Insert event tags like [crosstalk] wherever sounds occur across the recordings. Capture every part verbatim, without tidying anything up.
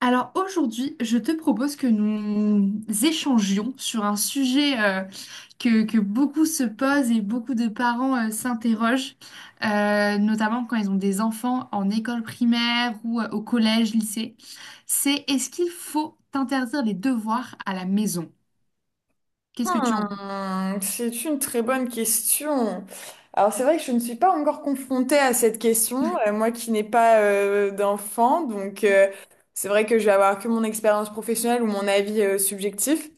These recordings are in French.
Alors aujourd'hui, je te propose que nous échangions sur un sujet euh, que, que beaucoup se posent et beaucoup de parents euh, s'interrogent, euh, notamment quand ils ont des enfants en école primaire ou euh, au collège, lycée. C'est est-ce qu'il faut interdire les devoirs à la maison? Qu'est-ce que tu en Hmm, c'est une très bonne question. Alors c'est vrai que je ne suis pas encore confrontée à cette question, euh, moi qui n'ai pas euh, d'enfant, donc euh, c'est vrai que je vais avoir que mon expérience professionnelle ou mon avis euh, subjectif.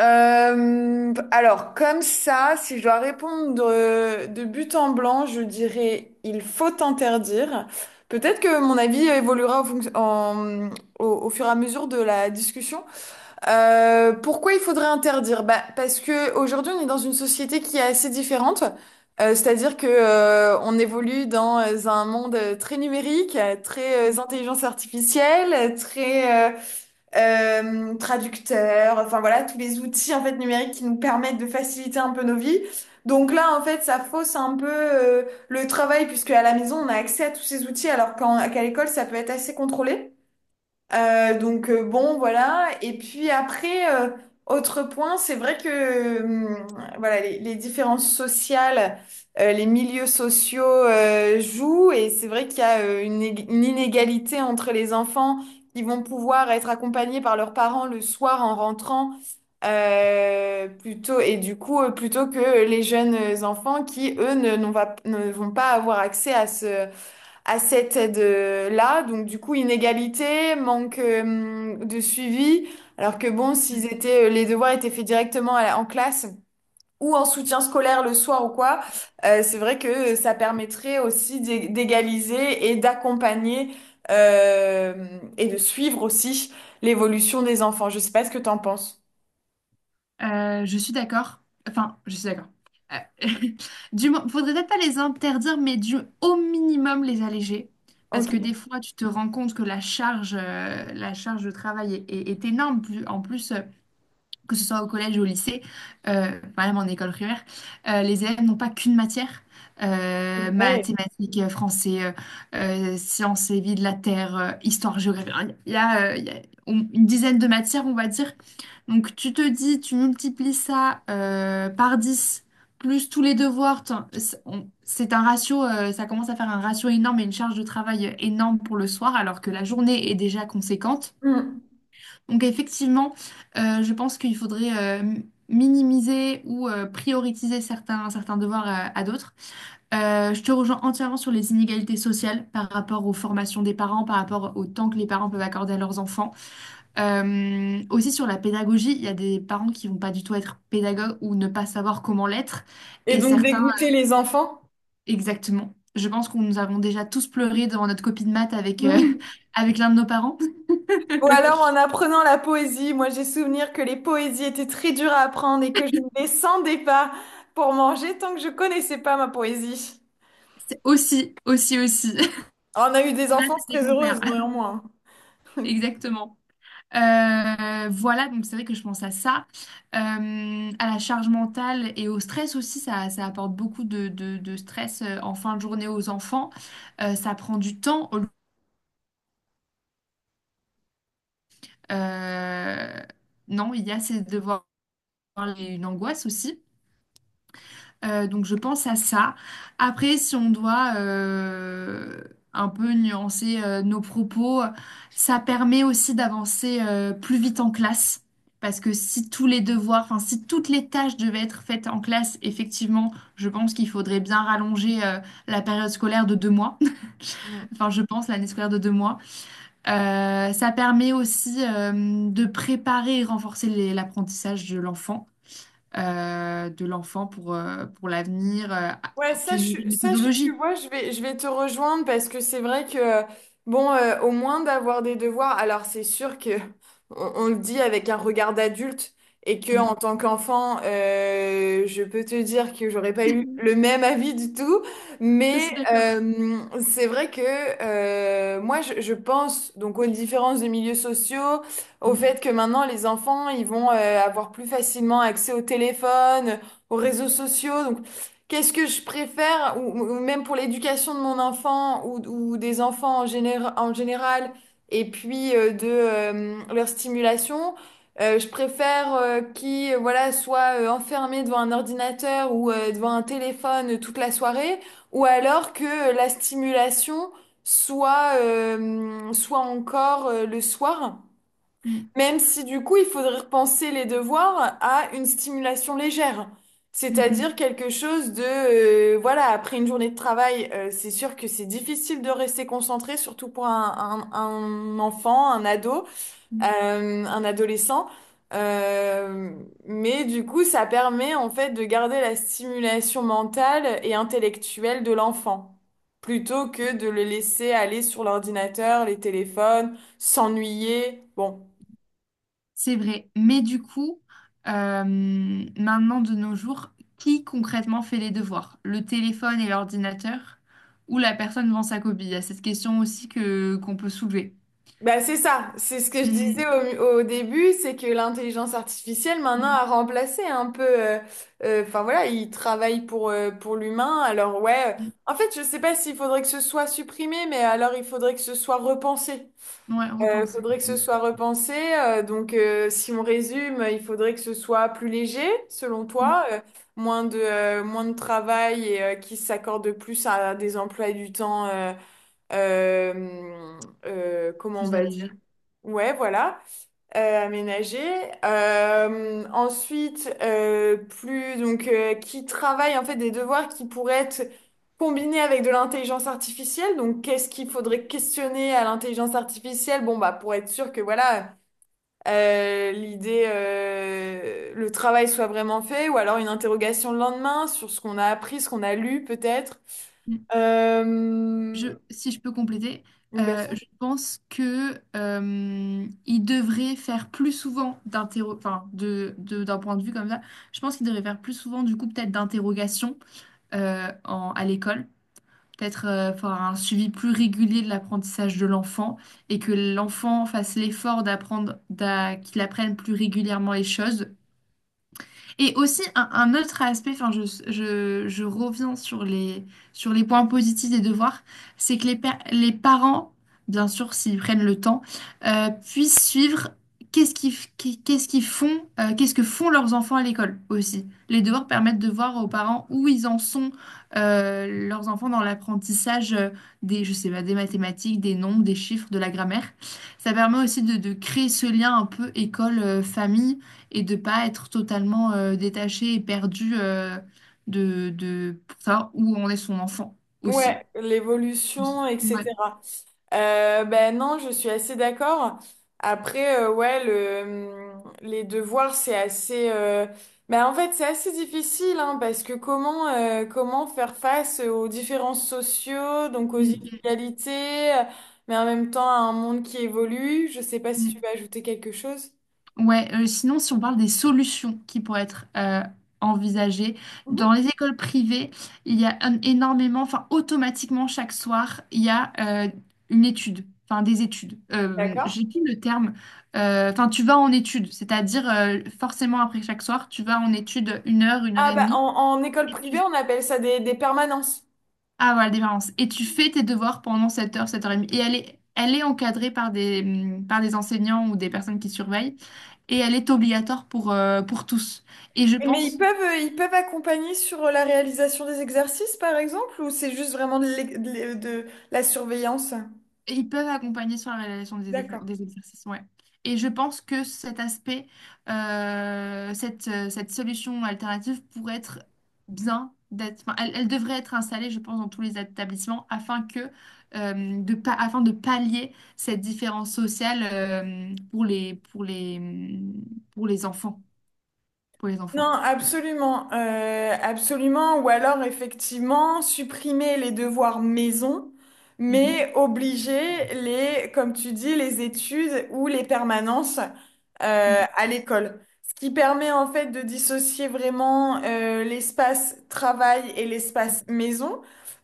Euh, alors comme ça, si je dois répondre euh, de but en blanc, je dirais il faut interdire. Peut-être que mon avis euh, évoluera en fonc- en- au, au fur et à mesure de la discussion. Euh, pourquoi il faudrait interdire? Bah, parce que aujourd'hui, on est dans une société qui est assez différente. Euh, c'est-à-dire que euh, on évolue dans euh, un monde euh, très numérique, euh, très euh, intelligence artificielle, euh, très euh, euh, traducteur. Enfin voilà, tous les outils en fait numériques qui nous permettent de faciliter un peu nos vies. Donc là, en fait, ça fausse un peu euh, le travail puisque à la maison, on a accès à tous ces outils alors qu'en- qu'à l'école, ça peut être assez contrôlé. Euh, donc euh, bon, voilà. Et puis après, euh, autre point, c'est vrai que hum, voilà, les, les différences sociales, euh, les milieux sociaux euh, jouent, et c'est vrai qu'il y a euh, une, ég- une inégalité entre les enfants qui vont pouvoir être accompagnés par leurs parents le soir en rentrant euh, plutôt, et du coup euh, plutôt que les jeunes enfants qui eux ne, n'ont va- ne vont pas avoir accès à ce à cette aide-là. Donc, du coup, inégalité, manque euh, de suivi. Alors que bon, s'ils penses? étaient, euh, les devoirs étaient faits directement à la- en classe ou en soutien scolaire le soir ou quoi, euh, c'est vrai que ça permettrait aussi d'é- d'égaliser et d'accompagner euh, et de suivre aussi l'évolution des enfants. Je sais pas ce que t'en penses. Euh, je suis d'accord. Enfin, je suis d'accord. Euh, [laughs] du mo- Faudrait peut-être pas les interdire, mais du au minimum les alléger. Parce que Ok, des fois, tu te rends compte que la charge, euh, la charge de travail est, est- est énorme. Plus- En plus, euh, que ce soit au collège ou au lycée, euh, enfin, même en école primaire, euh, les élèves n'ont pas qu'une matière. c'est Euh, vrai. Mathématiques, euh, français, euh, euh, sciences et vie de la Terre, euh, histoire, géographie. Enfin, il y a, euh, il y a une dizaine de matières, on va dire. Donc tu te dis, tu multiplies ça euh, par dix plus tous les devoirs, t'en- c'est on- c'est un ratio, euh, ça commence à faire un ratio énorme et une charge de travail euh, énorme pour le soir, alors que la journée est déjà conséquente. Mm. Donc effectivement, euh, je pense qu'il faudrait euh, m- minimiser ou euh, prioriser certains, certains devoirs euh, à d'autres. Euh, je te rejoins entièrement sur les inégalités sociales par rapport aux formations des parents, par rapport au temps que les parents peuvent accorder à leurs enfants. Euh, aussi sur la pédagogie, il y a des parents qui vont pas du tout être pédagogues ou ne pas savoir comment l'être, Et et donc certains dégoûter les enfants. exactement. Je pense qu'on nous avons déjà tous pleuré devant notre copie de maths avec, euh, [laughs] avec l'un de nos parents. Ou alors [laughs] en apprenant la poésie, moi j'ai souvenir que les poésies étaient très dures à apprendre et que je ne descendais pas pour manger tant que je connaissais pas ma poésie. C'est aussi, aussi, aussi. On a eu [laughs] des Maths enfances avec très mon père. heureuses [laughs] néanmoins. Exactement. Euh, voilà, donc c'est vrai que je pense à ça, Euh, à la charge mentale et au stress aussi, ça, ça apporte beaucoup de, de- de stress euh, en fin de journée aux enfants. Euh, ça prend du temps. Euh, non, il y a ces devoirs et une angoisse aussi. Euh, donc je pense à ça. Après, si on doit euh, un peu nuancer euh, nos propos, ça permet aussi d'avancer euh, plus vite en classe. Parce que si tous les devoirs, enfin si toutes les tâches devaient être faites en classe, effectivement, je pense qu'il faudrait bien rallonger euh, la période scolaire de deux mois. [laughs] Mm. Enfin, je pense l'année scolaire de deux mois. Euh, ça permet aussi euh, de préparer et renforcer les- l'apprentissage de l'enfant, euh, de l'enfant pour, euh, pour l'avenir, euh, à- Ouais, ça, je, obtenir suis- une ça je- tu méthodologie. vois, je vais, je vais te rejoindre parce que c'est vrai que, bon, euh, au moins d'avoir des devoirs, alors c'est sûr que [laughs] on, on le dit avec un regard d'adulte et que en Mm. tant qu'enfant, euh, je peux te dire que j'aurais pas eu [laughs] le même avis du tout, Je mais suis d'accord. euh, c'est vrai que euh, moi, je, je pense donc aux différences de milieux sociaux, au fait Mm, que maintenant les enfants, ils vont euh, avoir plus facilement accès au téléphone, aux réseaux sociaux, donc qu'est-ce que je préfère, ou, ou même pour l'éducation de mon enfant ou, ou des enfants en général, en général, et puis euh, de euh, leur stimulation, euh, je préfère euh, qu'ils euh, voilà, soient euh, enfermés devant un ordinateur ou euh, devant un téléphone euh, toute la soirée, ou alors que euh, la stimulation soit, euh, soit encore euh, le soir. mm, Même si du coup, il faudrait repenser les devoirs à une stimulation légère. mm, C'est-à-dire quelque chose de, euh, voilà, après une journée de travail, euh, c'est sûr que c'est difficile de rester concentré, surtout pour un, un- un enfant, un ado, mm, mm. euh, un adolescent. Euh, mais du coup, ça permet en fait de garder la stimulation mentale et intellectuelle de l'enfant, plutôt que de le laisser aller sur l'ordinateur, les téléphones, s'ennuyer. Bon. C'est vrai. Mais du coup, euh, maintenant de nos jours, qui concrètement fait les devoirs? Le téléphone et l'ordinateur ou la personne devant sa copie? Il y a cette question aussi que qu'on peut soulever. Bah, c'est ça, c'est ce que je disais Mm, au, au début, c'est que l'intelligence artificielle maintenant mm, a remplacé un peu, euh, euh, enfin voilà, il travaille pour, euh, pour l'humain, alors ouais, euh, en fait je sais pas s'il faudrait que ce soit supprimé, mais alors il faudrait que ce soit repensé. mm. Ouais, Euh, repense. faudrait que ce Mm, soit repensé, euh, donc euh, si on résume, il faudrait que ce soit plus léger, selon mm. toi, euh, moins de, euh, moins de travail et euh, qui s'accorde plus à des emplois du temps, euh, euh, euh, comment on Plus va dire? allégé. Ouais, voilà, euh, aménagé. Euh, ensuite, euh, plus donc euh, qui travaille en fait des devoirs qui pourraient être combinés avec de l'intelligence artificielle. Donc, qu'est-ce qu'il faudrait questionner à l'intelligence artificielle? Bon, bah pour être sûr que voilà euh, l'idée, euh, le travail soit vraiment fait, ou alors une interrogation le lendemain sur ce qu'on a appris, ce qu'on a lu peut-être. Euh, Je, si je peux compléter, bien euh, sûr. je pense que euh, il devrait faire plus souvent d'interro, enfin de, de- d'un point de vue comme ça. Je pense qu'il devrait faire plus souvent du coup peut-être d'interrogations euh, en- à l'école, peut-être euh, faire un suivi plus régulier de l'apprentissage de l'enfant et que l'enfant fasse l'effort d'apprendre, d'a- qu'il apprenne plus régulièrement les choses. Et aussi, un, un autre aspect, enfin, je, je, je reviens sur les, sur les points positifs des devoirs, c'est que les, pa- les parents, bien sûr, s'ils prennent le temps, euh, puissent suivre qu'est-ce qu'ils, f- qu'est- qu'est-ce qu'ils font, euh, qu'est-ce que font leurs enfants à l'école aussi. Les devoirs permettent de voir aux parents où ils en sont, euh, leurs enfants dans l'apprentissage euh, des, je sais pas, des mathématiques, des nombres, des chiffres, de la grammaire. Ça permet aussi de, de créer ce lien un peu école-famille et de pas être totalement euh, détaché et perdu euh, de, de pour savoir où en est son enfant aussi, Ouais, je pense. l'évolution, Ouais. et cætera. Euh, ben non, je suis assez d'accord. Après, euh, ouais, le, les devoirs, c'est assez euh, ben en fait, c'est assez difficile, hein, parce que comment, euh, comment faire face aux différences sociaux, donc aux Mm, inégalités, euh, mais en même temps à un monde qui évolue. Je sais pas mm, si tu mm. veux ajouter quelque chose. Ouais, euh, sinon, si on parle des solutions qui pourraient être euh, envisagées, Mhm. dans les écoles privées, il y a un- énormément, enfin, automatiquement, chaque soir, il y a euh, une étude. Enfin, des études. Euh, D'accord. J'ai plus le terme. Euh, Enfin, tu vas en étude, c'est-à-dire euh, forcément après chaque soir, tu vas en étude une heure, une heure Ah et bah demie. en, en école privée, on appelle ça des, des permanences. Ah voilà, la différence. Et tu fais tes devoirs pendant sept heures, sept heures trente. Et elle est, elle est encadrée par des, hum, par des enseignants ou des personnes qui surveillent. Et elle est obligatoire pour, euh, pour tous. Et je Mais ils pense. peuvent, euh, ils peuvent accompagner sur euh, la réalisation des exercices, par exemple, ou c'est juste vraiment de, l'é- de l'é- de la surveillance? Ils peuvent accompagner sur la réalisation des, exer- D'accord. des exercices, ouais. Et je pense que cet aspect, euh, cette, euh, cette solution alternative pourrait être bien d'être, enfin, elle, elle devrait être installée, je pense, dans tous les établissements afin que, euh, de pa- afin de pallier cette différence sociale, euh, pour les, pour les, pour les enfants, pour les Non, enfants. absolument, euh, absolument. Ou alors, effectivement, supprimer les devoirs maison, Mhm. mais obliger les, comme tu dis, les études ou les permanences euh, Mm. à l'école. Ce qui permet en fait de dissocier vraiment euh, l'espace travail et l'espace maison,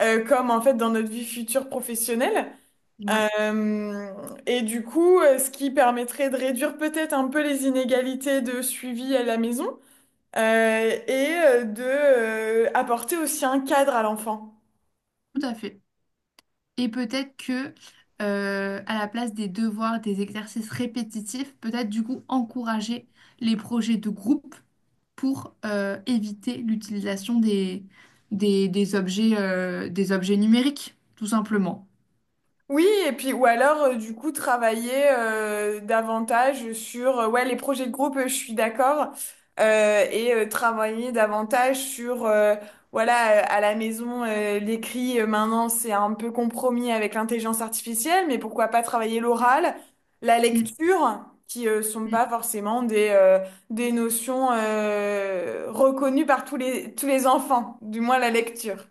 euh, comme en fait dans notre vie future professionnelle. Ouais, Euh, et du coup, euh, ce qui permettrait de réduire peut-être un peu les inégalités de suivi à la maison euh, et euh, de euh, apporter aussi un cadre à l'enfant. tout à fait. Et peut-être que, euh, à la place des devoirs, des exercices répétitifs, peut-être du coup encourager les projets de groupe pour euh, éviter l'utilisation des, des, des objets, euh, des objets numériques, tout simplement. Oui, et puis ou alors euh, du coup travailler euh, davantage sur euh, ouais les projets de groupe, euh, je suis d'accord, euh, et euh, travailler davantage sur euh, voilà euh, à la maison euh, l'écrit euh, maintenant c'est un peu compromis avec l'intelligence artificielle, mais pourquoi pas travailler l'oral, la lecture qui euh, sont Mm. pas forcément des euh, des notions euh, reconnues par tous les tous les enfants, du moins la lecture.